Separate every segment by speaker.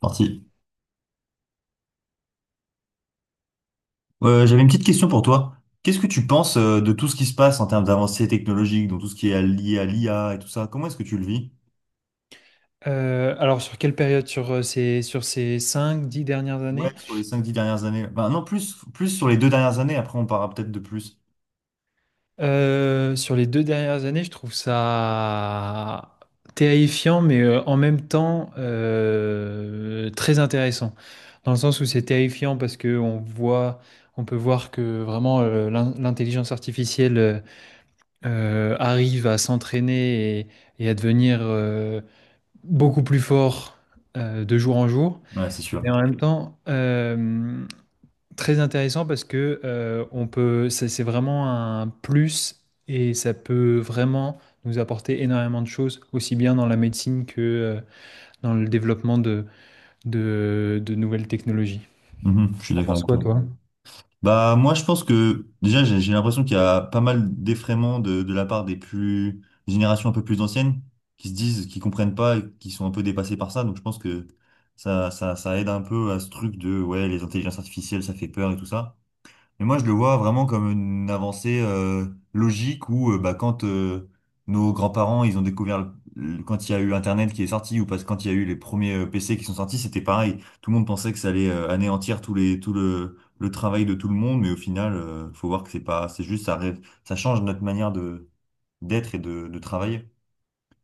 Speaker 1: Parti. J'avais une petite question pour toi. Qu'est-ce que tu penses de tout ce qui se passe en termes d'avancées technologiques, donc tout ce qui est lié à l'IA et tout ça? Comment est-ce que tu le vis?
Speaker 2: Alors sur quelle période? Sur sur ces cinq dix dernières
Speaker 1: Ouais,
Speaker 2: années?
Speaker 1: sur les 5 10 dernières années. Enfin, non, plus sur les 2 dernières années, après on parlera peut-être de plus.
Speaker 2: Sur les 2 dernières années, je trouve ça terrifiant, mais en même temps très intéressant. Dans le sens où c'est terrifiant parce que on voit, on peut voir que vraiment l'intelligence artificielle arrive à s'entraîner et à devenir beaucoup plus fort de jour en jour.
Speaker 1: Ouais, c'est
Speaker 2: Mais
Speaker 1: sûr.
Speaker 2: en même temps, très intéressant parce que c'est vraiment un plus et ça peut vraiment nous apporter énormément de choses, aussi bien dans la médecine que dans le développement de nouvelles technologies.
Speaker 1: Mhm, je suis
Speaker 2: T'en
Speaker 1: d'accord
Speaker 2: penses
Speaker 1: avec
Speaker 2: quoi,
Speaker 1: toi.
Speaker 2: toi?
Speaker 1: Bah, moi, je pense que déjà, j'ai l'impression qu'il y a pas mal d'effraiements de la part des plus des générations un peu plus anciennes qui se disent, qui comprennent pas et qui sont un peu dépassés par ça. Donc, je pense que ça aide un peu à ce truc de, ouais, les intelligences artificielles, ça fait peur et tout ça. Et moi, je le vois vraiment comme une avancée logique où bah, quand nos grands-parents, ils ont découvert, quand il y a eu Internet qui est sorti, ou parce que quand il y a eu les premiers PC qui sont sortis, c'était pareil. Tout le monde pensait que ça allait anéantir tout le travail de tout le monde, mais au final, faut voir que c'est pas, c'est juste, ça, ça change notre manière de d'être et de travailler.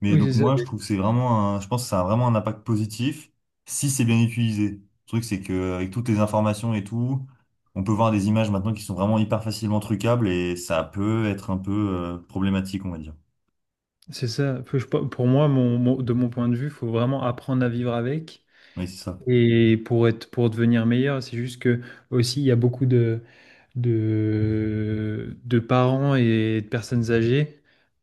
Speaker 1: Mais
Speaker 2: Oui, c'est
Speaker 1: donc
Speaker 2: ça.
Speaker 1: moi, je trouve que c'est vraiment je pense que ça a vraiment un impact positif si c'est bien utilisé. Le truc, c'est que avec toutes les informations et tout, on peut voir des images maintenant qui sont vraiment hyper facilement trucables et ça peut être un peu problématique, on va dire.
Speaker 2: C'est ça. Pour moi, de mon point de vue, il faut vraiment apprendre à vivre avec.
Speaker 1: Oui, c'est ça.
Speaker 2: Et pour devenir meilleur, c'est juste que aussi, il y a beaucoup de parents et de personnes âgées,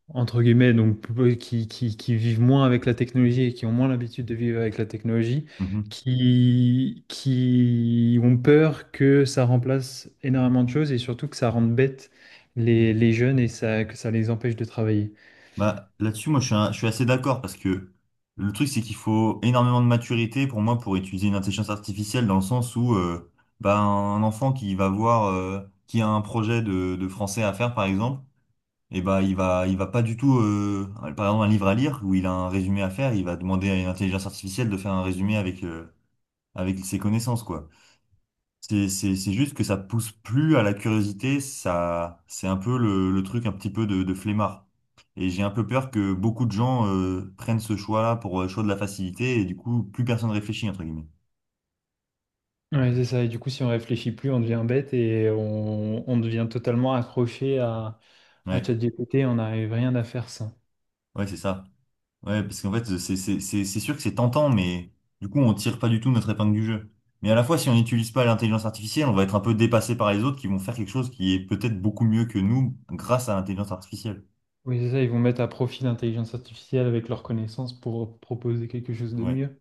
Speaker 2: entre guillemets, donc qui vivent moins avec la technologie et qui ont moins l'habitude de vivre avec la technologie,
Speaker 1: Mhm.
Speaker 2: qui ont peur que ça remplace énormément de choses et surtout que ça rende bête les jeunes et ça, que ça les empêche de travailler.
Speaker 1: Bah, là-dessus, moi, je suis assez d'accord parce que le truc, c'est qu'il faut énormément de maturité pour moi pour utiliser une intelligence artificielle dans le sens où bah, un enfant qui va voir, qui a un projet de français à faire, par exemple. Et bah, il va pas du tout, par exemple, un livre à lire où il a un résumé à faire, il va demander à une intelligence artificielle de faire un résumé avec ses connaissances, quoi. C'est juste que ça pousse plus à la curiosité, ça, c'est un peu le truc un petit peu de flemmard. Et j'ai un peu peur que beaucoup de gens, prennent ce choix-là pour le choix de la facilité et du coup, plus personne réfléchit, entre guillemets.
Speaker 2: Ouais, c'est ça. Et du coup, si on réfléchit plus, on devient bête et on devient totalement accroché à
Speaker 1: Ouais,
Speaker 2: ChatGPT, on n'arrive rien à faire sans.
Speaker 1: ouais, c'est ça. Ouais, parce qu'en fait, c'est sûr que c'est tentant, mais du coup, on tire pas du tout notre épingle du jeu. Mais à la fois, si on n'utilise pas l'intelligence artificielle, on va être un peu dépassé par les autres qui vont faire quelque chose qui est peut-être beaucoup mieux que nous grâce à l'intelligence artificielle.
Speaker 2: Oui, c'est ça, ils vont mettre à profit l'intelligence artificielle avec leurs connaissances pour proposer quelque chose de
Speaker 1: Ouais.
Speaker 2: mieux.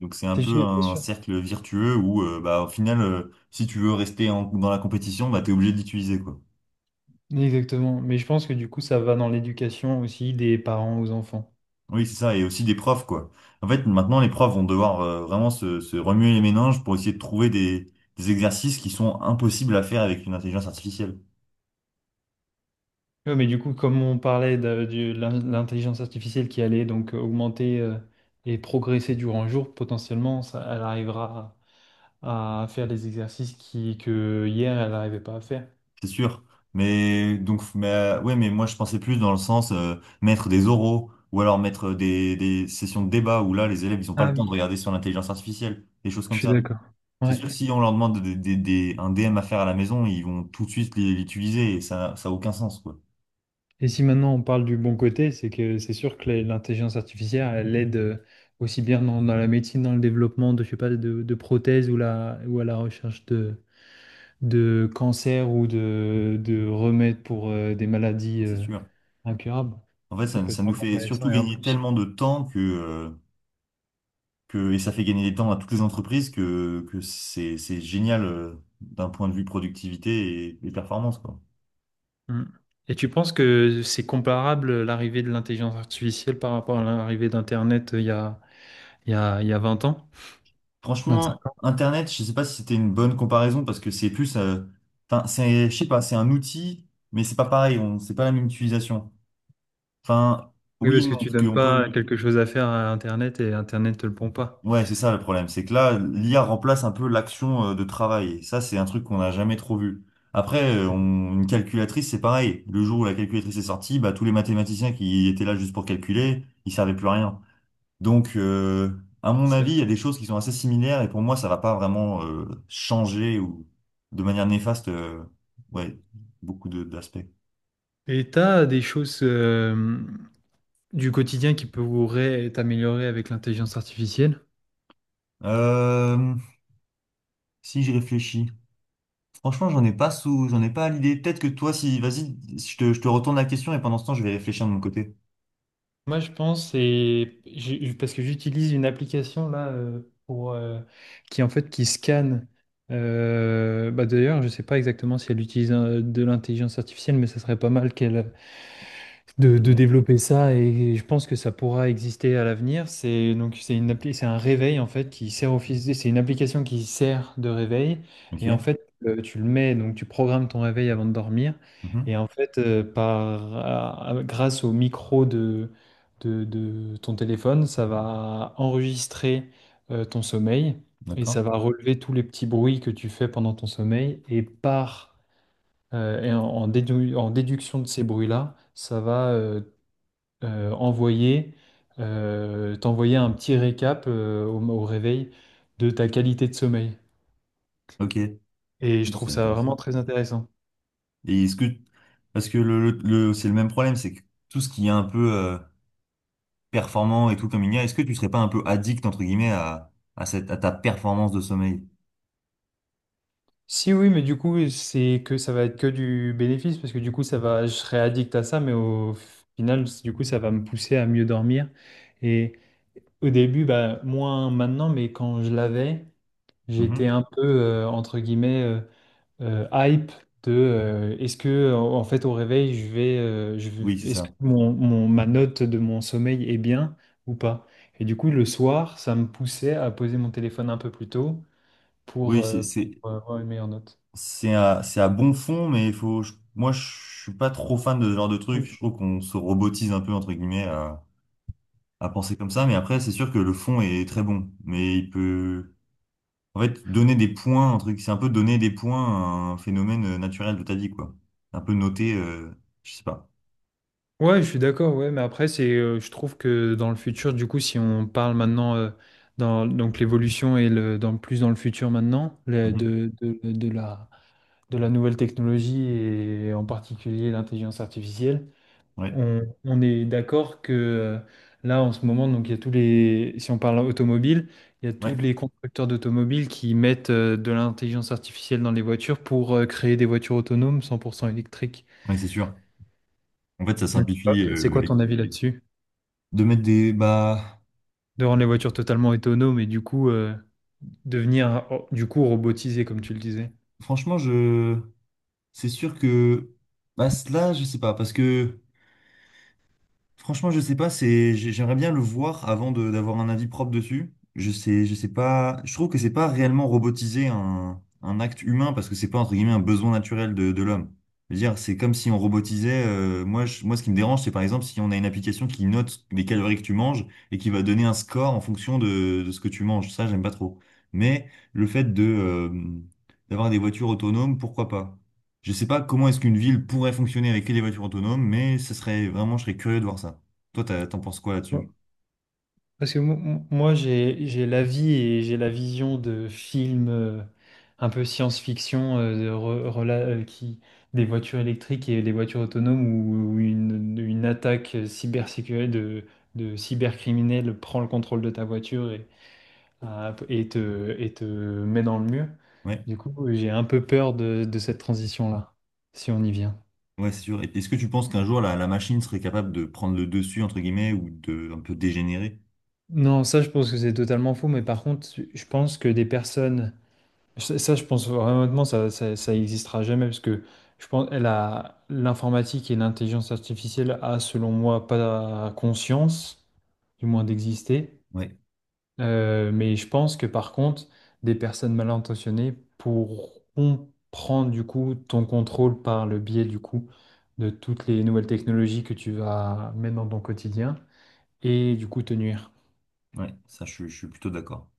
Speaker 1: Donc c'est un
Speaker 2: C'est
Speaker 1: peu
Speaker 2: sûr, bien
Speaker 1: un
Speaker 2: sûr.
Speaker 1: cercle virtueux où, bah, au final, si tu veux rester dans la compétition, bah, t'es obligé d'utiliser, quoi.
Speaker 2: Exactement, mais je pense que du coup ça va dans l'éducation aussi des parents aux enfants.
Speaker 1: Oui, c'est ça. Et aussi des profs, quoi. En fait, maintenant, les profs vont devoir vraiment se remuer les méninges pour essayer de trouver des exercices qui sont impossibles à faire avec une intelligence artificielle.
Speaker 2: Ouais, mais du coup comme on parlait de l'intelligence artificielle qui allait donc augmenter et progresser durant le jour, potentiellement ça, elle arrivera à faire des exercices qui que hier elle n'arrivait pas à faire.
Speaker 1: C'est sûr. Mais donc, mais, ouais, mais moi je pensais plus dans le sens mettre des oraux ou alors mettre des sessions de débat où là les élèves ils ont pas
Speaker 2: Ah
Speaker 1: le temps de
Speaker 2: oui,
Speaker 1: regarder sur l'intelligence artificielle, des choses
Speaker 2: je
Speaker 1: comme
Speaker 2: suis
Speaker 1: ça.
Speaker 2: d'accord.
Speaker 1: C'est sûr que
Speaker 2: Ouais.
Speaker 1: si on leur demande un DM à faire à la maison, ils vont tout de suite l'utiliser et ça a aucun sens, quoi.
Speaker 2: Et si maintenant on parle du bon côté, c'est que c'est sûr que l'intelligence artificielle, elle aide aussi bien dans la médecine, dans le développement de, je sais pas, de prothèses ou, la, ou à la recherche de cancers ou de remèdes pour des maladies
Speaker 1: Ça, c'est sûr.
Speaker 2: incurables.
Speaker 1: En fait,
Speaker 2: Ça
Speaker 1: ça,
Speaker 2: peut être
Speaker 1: ça nous
Speaker 2: vraiment
Speaker 1: fait surtout
Speaker 2: intéressant et un
Speaker 1: gagner
Speaker 2: plus.
Speaker 1: tellement de temps que, et ça fait gagner des temps à toutes les entreprises que c'est génial d'un point de vue productivité et performance, quoi.
Speaker 2: Mm. Et tu penses que c'est comparable l'arrivée de l'intelligence artificielle par rapport à l'arrivée d'Internet il y a 20 ans,
Speaker 1: Franchement,
Speaker 2: 25 ans?
Speaker 1: Internet, je sais pas si c'était une bonne comparaison parce que c'est plus, enfin, c'est, je sais pas, c'est un outil, mais c'est pas pareil, c'est pas la même utilisation. Enfin,
Speaker 2: Oui,
Speaker 1: oui et
Speaker 2: parce que
Speaker 1: non,
Speaker 2: tu
Speaker 1: parce
Speaker 2: donnes
Speaker 1: qu'on peut,
Speaker 2: pas quelque chose à faire à Internet et Internet te le pond pas.
Speaker 1: ouais, c'est ça le problème, c'est que là, l'IA remplace un peu l'action de travail. Et ça, c'est un truc qu'on n'a jamais trop vu. Après, une calculatrice, c'est pareil. Le jour où la calculatrice est sortie, bah, tous les mathématiciens qui étaient là juste pour calculer, ils servaient plus à rien. Donc, à mon
Speaker 2: C'est
Speaker 1: avis, il y a
Speaker 2: vrai.
Speaker 1: des choses qui sont assez similaires et pour moi, ça va pas vraiment changer ou de manière néfaste, ouais, beaucoup de d'aspects.
Speaker 2: Et t'as des choses du quotidien qui pourraient être améliorées avec l'intelligence artificielle?
Speaker 1: Euh, si j'y réfléchis, franchement, j'en ai pas à l'idée. Peut-être que toi, si, vas-y, je te retourne la question et pendant ce temps, je vais réfléchir de mon côté.
Speaker 2: Moi, je pense, parce que j'utilise une application là pour qui en fait qui scanne. D'ailleurs, je sais pas exactement si elle utilise de l'intelligence artificielle, mais ça serait pas mal qu'elle de développer ça et je pense que ça pourra exister à l'avenir. C'est une appli, c'est un réveil en fait qui sert office, c'est une application qui sert de réveil
Speaker 1: Ok.
Speaker 2: et en fait tu le mets donc tu programmes ton réveil avant de dormir
Speaker 1: Mhm.
Speaker 2: et en fait grâce au micro de ton téléphone, ça va enregistrer ton sommeil et ça
Speaker 1: D'accord.
Speaker 2: va relever tous les petits bruits que tu fais pendant ton sommeil et par et en déduction de ces bruits-là, ça va euh, envoyer, t'envoyer un petit récap au réveil de ta qualité de sommeil.
Speaker 1: Ok.
Speaker 2: Et je trouve
Speaker 1: C'est
Speaker 2: ça vraiment
Speaker 1: intéressant.
Speaker 2: très intéressant.
Speaker 1: Et est-ce que, parce que c'est le même problème, c'est que tout ce qui est un peu performant et tout comme il y a, est-ce que tu serais pas un peu addict, entre guillemets, à ta performance de sommeil?
Speaker 2: Si oui, mais du coup, c'est que ça va être que du bénéfice, parce que du coup, ça va, je serai addict à ça, mais au final, du coup, ça va me pousser à mieux dormir. Et au début, bah, moins maintenant, mais quand je l'avais, j'étais
Speaker 1: Mhm.
Speaker 2: un peu, entre guillemets, hype de est-ce que en fait au réveil
Speaker 1: Oui, c'est
Speaker 2: est-ce que
Speaker 1: ça.
Speaker 2: ma note de mon sommeil est bien ou pas? Et du coup le soir ça me poussait à poser mon téléphone un peu plus tôt pour,
Speaker 1: Oui,
Speaker 2: euh,
Speaker 1: c'est,
Speaker 2: pour avoir une meilleure note.
Speaker 1: c'est à bon fond, mais moi, je suis pas trop fan de ce genre de truc. Je
Speaker 2: Cool.
Speaker 1: trouve qu'on se robotise un peu, entre guillemets, à penser comme ça. Mais après, c'est sûr que le fond est très bon. Mais il peut, en fait, donner des points, un truc, c'est un peu donner des points à un phénomène naturel de ta vie, quoi. Un peu noter, je sais pas.
Speaker 2: Ouais, je suis d'accord, ouais, mais après c'est je trouve que dans le futur du coup si on parle maintenant dans donc l'évolution et le dans plus dans le futur maintenant
Speaker 1: Mhm.
Speaker 2: de la nouvelle technologie et en particulier l'intelligence artificielle.
Speaker 1: Ouais,
Speaker 2: On est d'accord que là, en ce moment, donc il y a tous les, si on parle automobile, il y a tous
Speaker 1: ouais,
Speaker 2: les constructeurs d'automobiles qui mettent de l'intelligence artificielle dans les voitures pour créer des voitures autonomes 100% électriques.
Speaker 1: ouais, c'est sûr. En fait, ça
Speaker 2: Donc,
Speaker 1: simplifie,
Speaker 2: hop, c'est quoi ton
Speaker 1: les.
Speaker 2: avis là-dessus?
Speaker 1: De mettre des. Bah,
Speaker 2: De rendre les voitures totalement autonomes et du coup devenir oh, du coup robotisées, comme tu le disais.
Speaker 1: franchement, je. C'est sûr que. Bah, là, je sais pas. Parce que. Franchement, je sais pas, c'est, j'aimerais bien le voir avant d'avoir un avis propre dessus. Je sais pas, je trouve que c'est pas réellement robotiser un acte humain parce que c'est pas entre guillemets un besoin naturel de l'homme. Je veux dire, c'est comme si on robotisait, moi, ce qui me dérange, c'est par exemple si on a une application qui note les calories que tu manges et qui va donner un score en fonction de ce que tu manges. Ça, j'aime pas trop. Mais le fait de, d'avoir des voitures autonomes, pourquoi pas? Je sais pas comment est-ce qu'une ville pourrait fonctionner avec que des voitures autonomes, mais ce serait vraiment, je serais curieux de voir ça. Toi, t'en penses quoi là-dessus?
Speaker 2: Parce que moi, j'ai la vie et j'ai la vision de films un peu science-fiction qui, des voitures électriques et des voitures autonomes où, où une attaque cybersécurité de cybercriminel prend le contrôle de ta voiture ah, et te met dans le mur.
Speaker 1: Ouais,
Speaker 2: Du coup, j'ai un peu peur de cette transition-là, si on y vient.
Speaker 1: ouais, c'est sûr. Et est-ce que tu penses qu'un jour la machine serait capable de prendre le dessus entre guillemets ou de un peu dégénérer?
Speaker 2: Non, ça, je pense que c'est totalement faux, mais par contre, je pense que des personnes ça, ça, je pense vraiment, ça existera jamais parce que je pense elle a l'informatique et l'intelligence artificielle a, selon moi, pas conscience, du moins d'exister.
Speaker 1: Ouais,
Speaker 2: Mais je pense que par contre, des personnes mal intentionnées pourront prendre du coup ton contrôle par le biais du coup de toutes les nouvelles technologies que tu vas mettre dans ton quotidien et du coup te nuire.
Speaker 1: ouais, ça, je suis plutôt d'accord.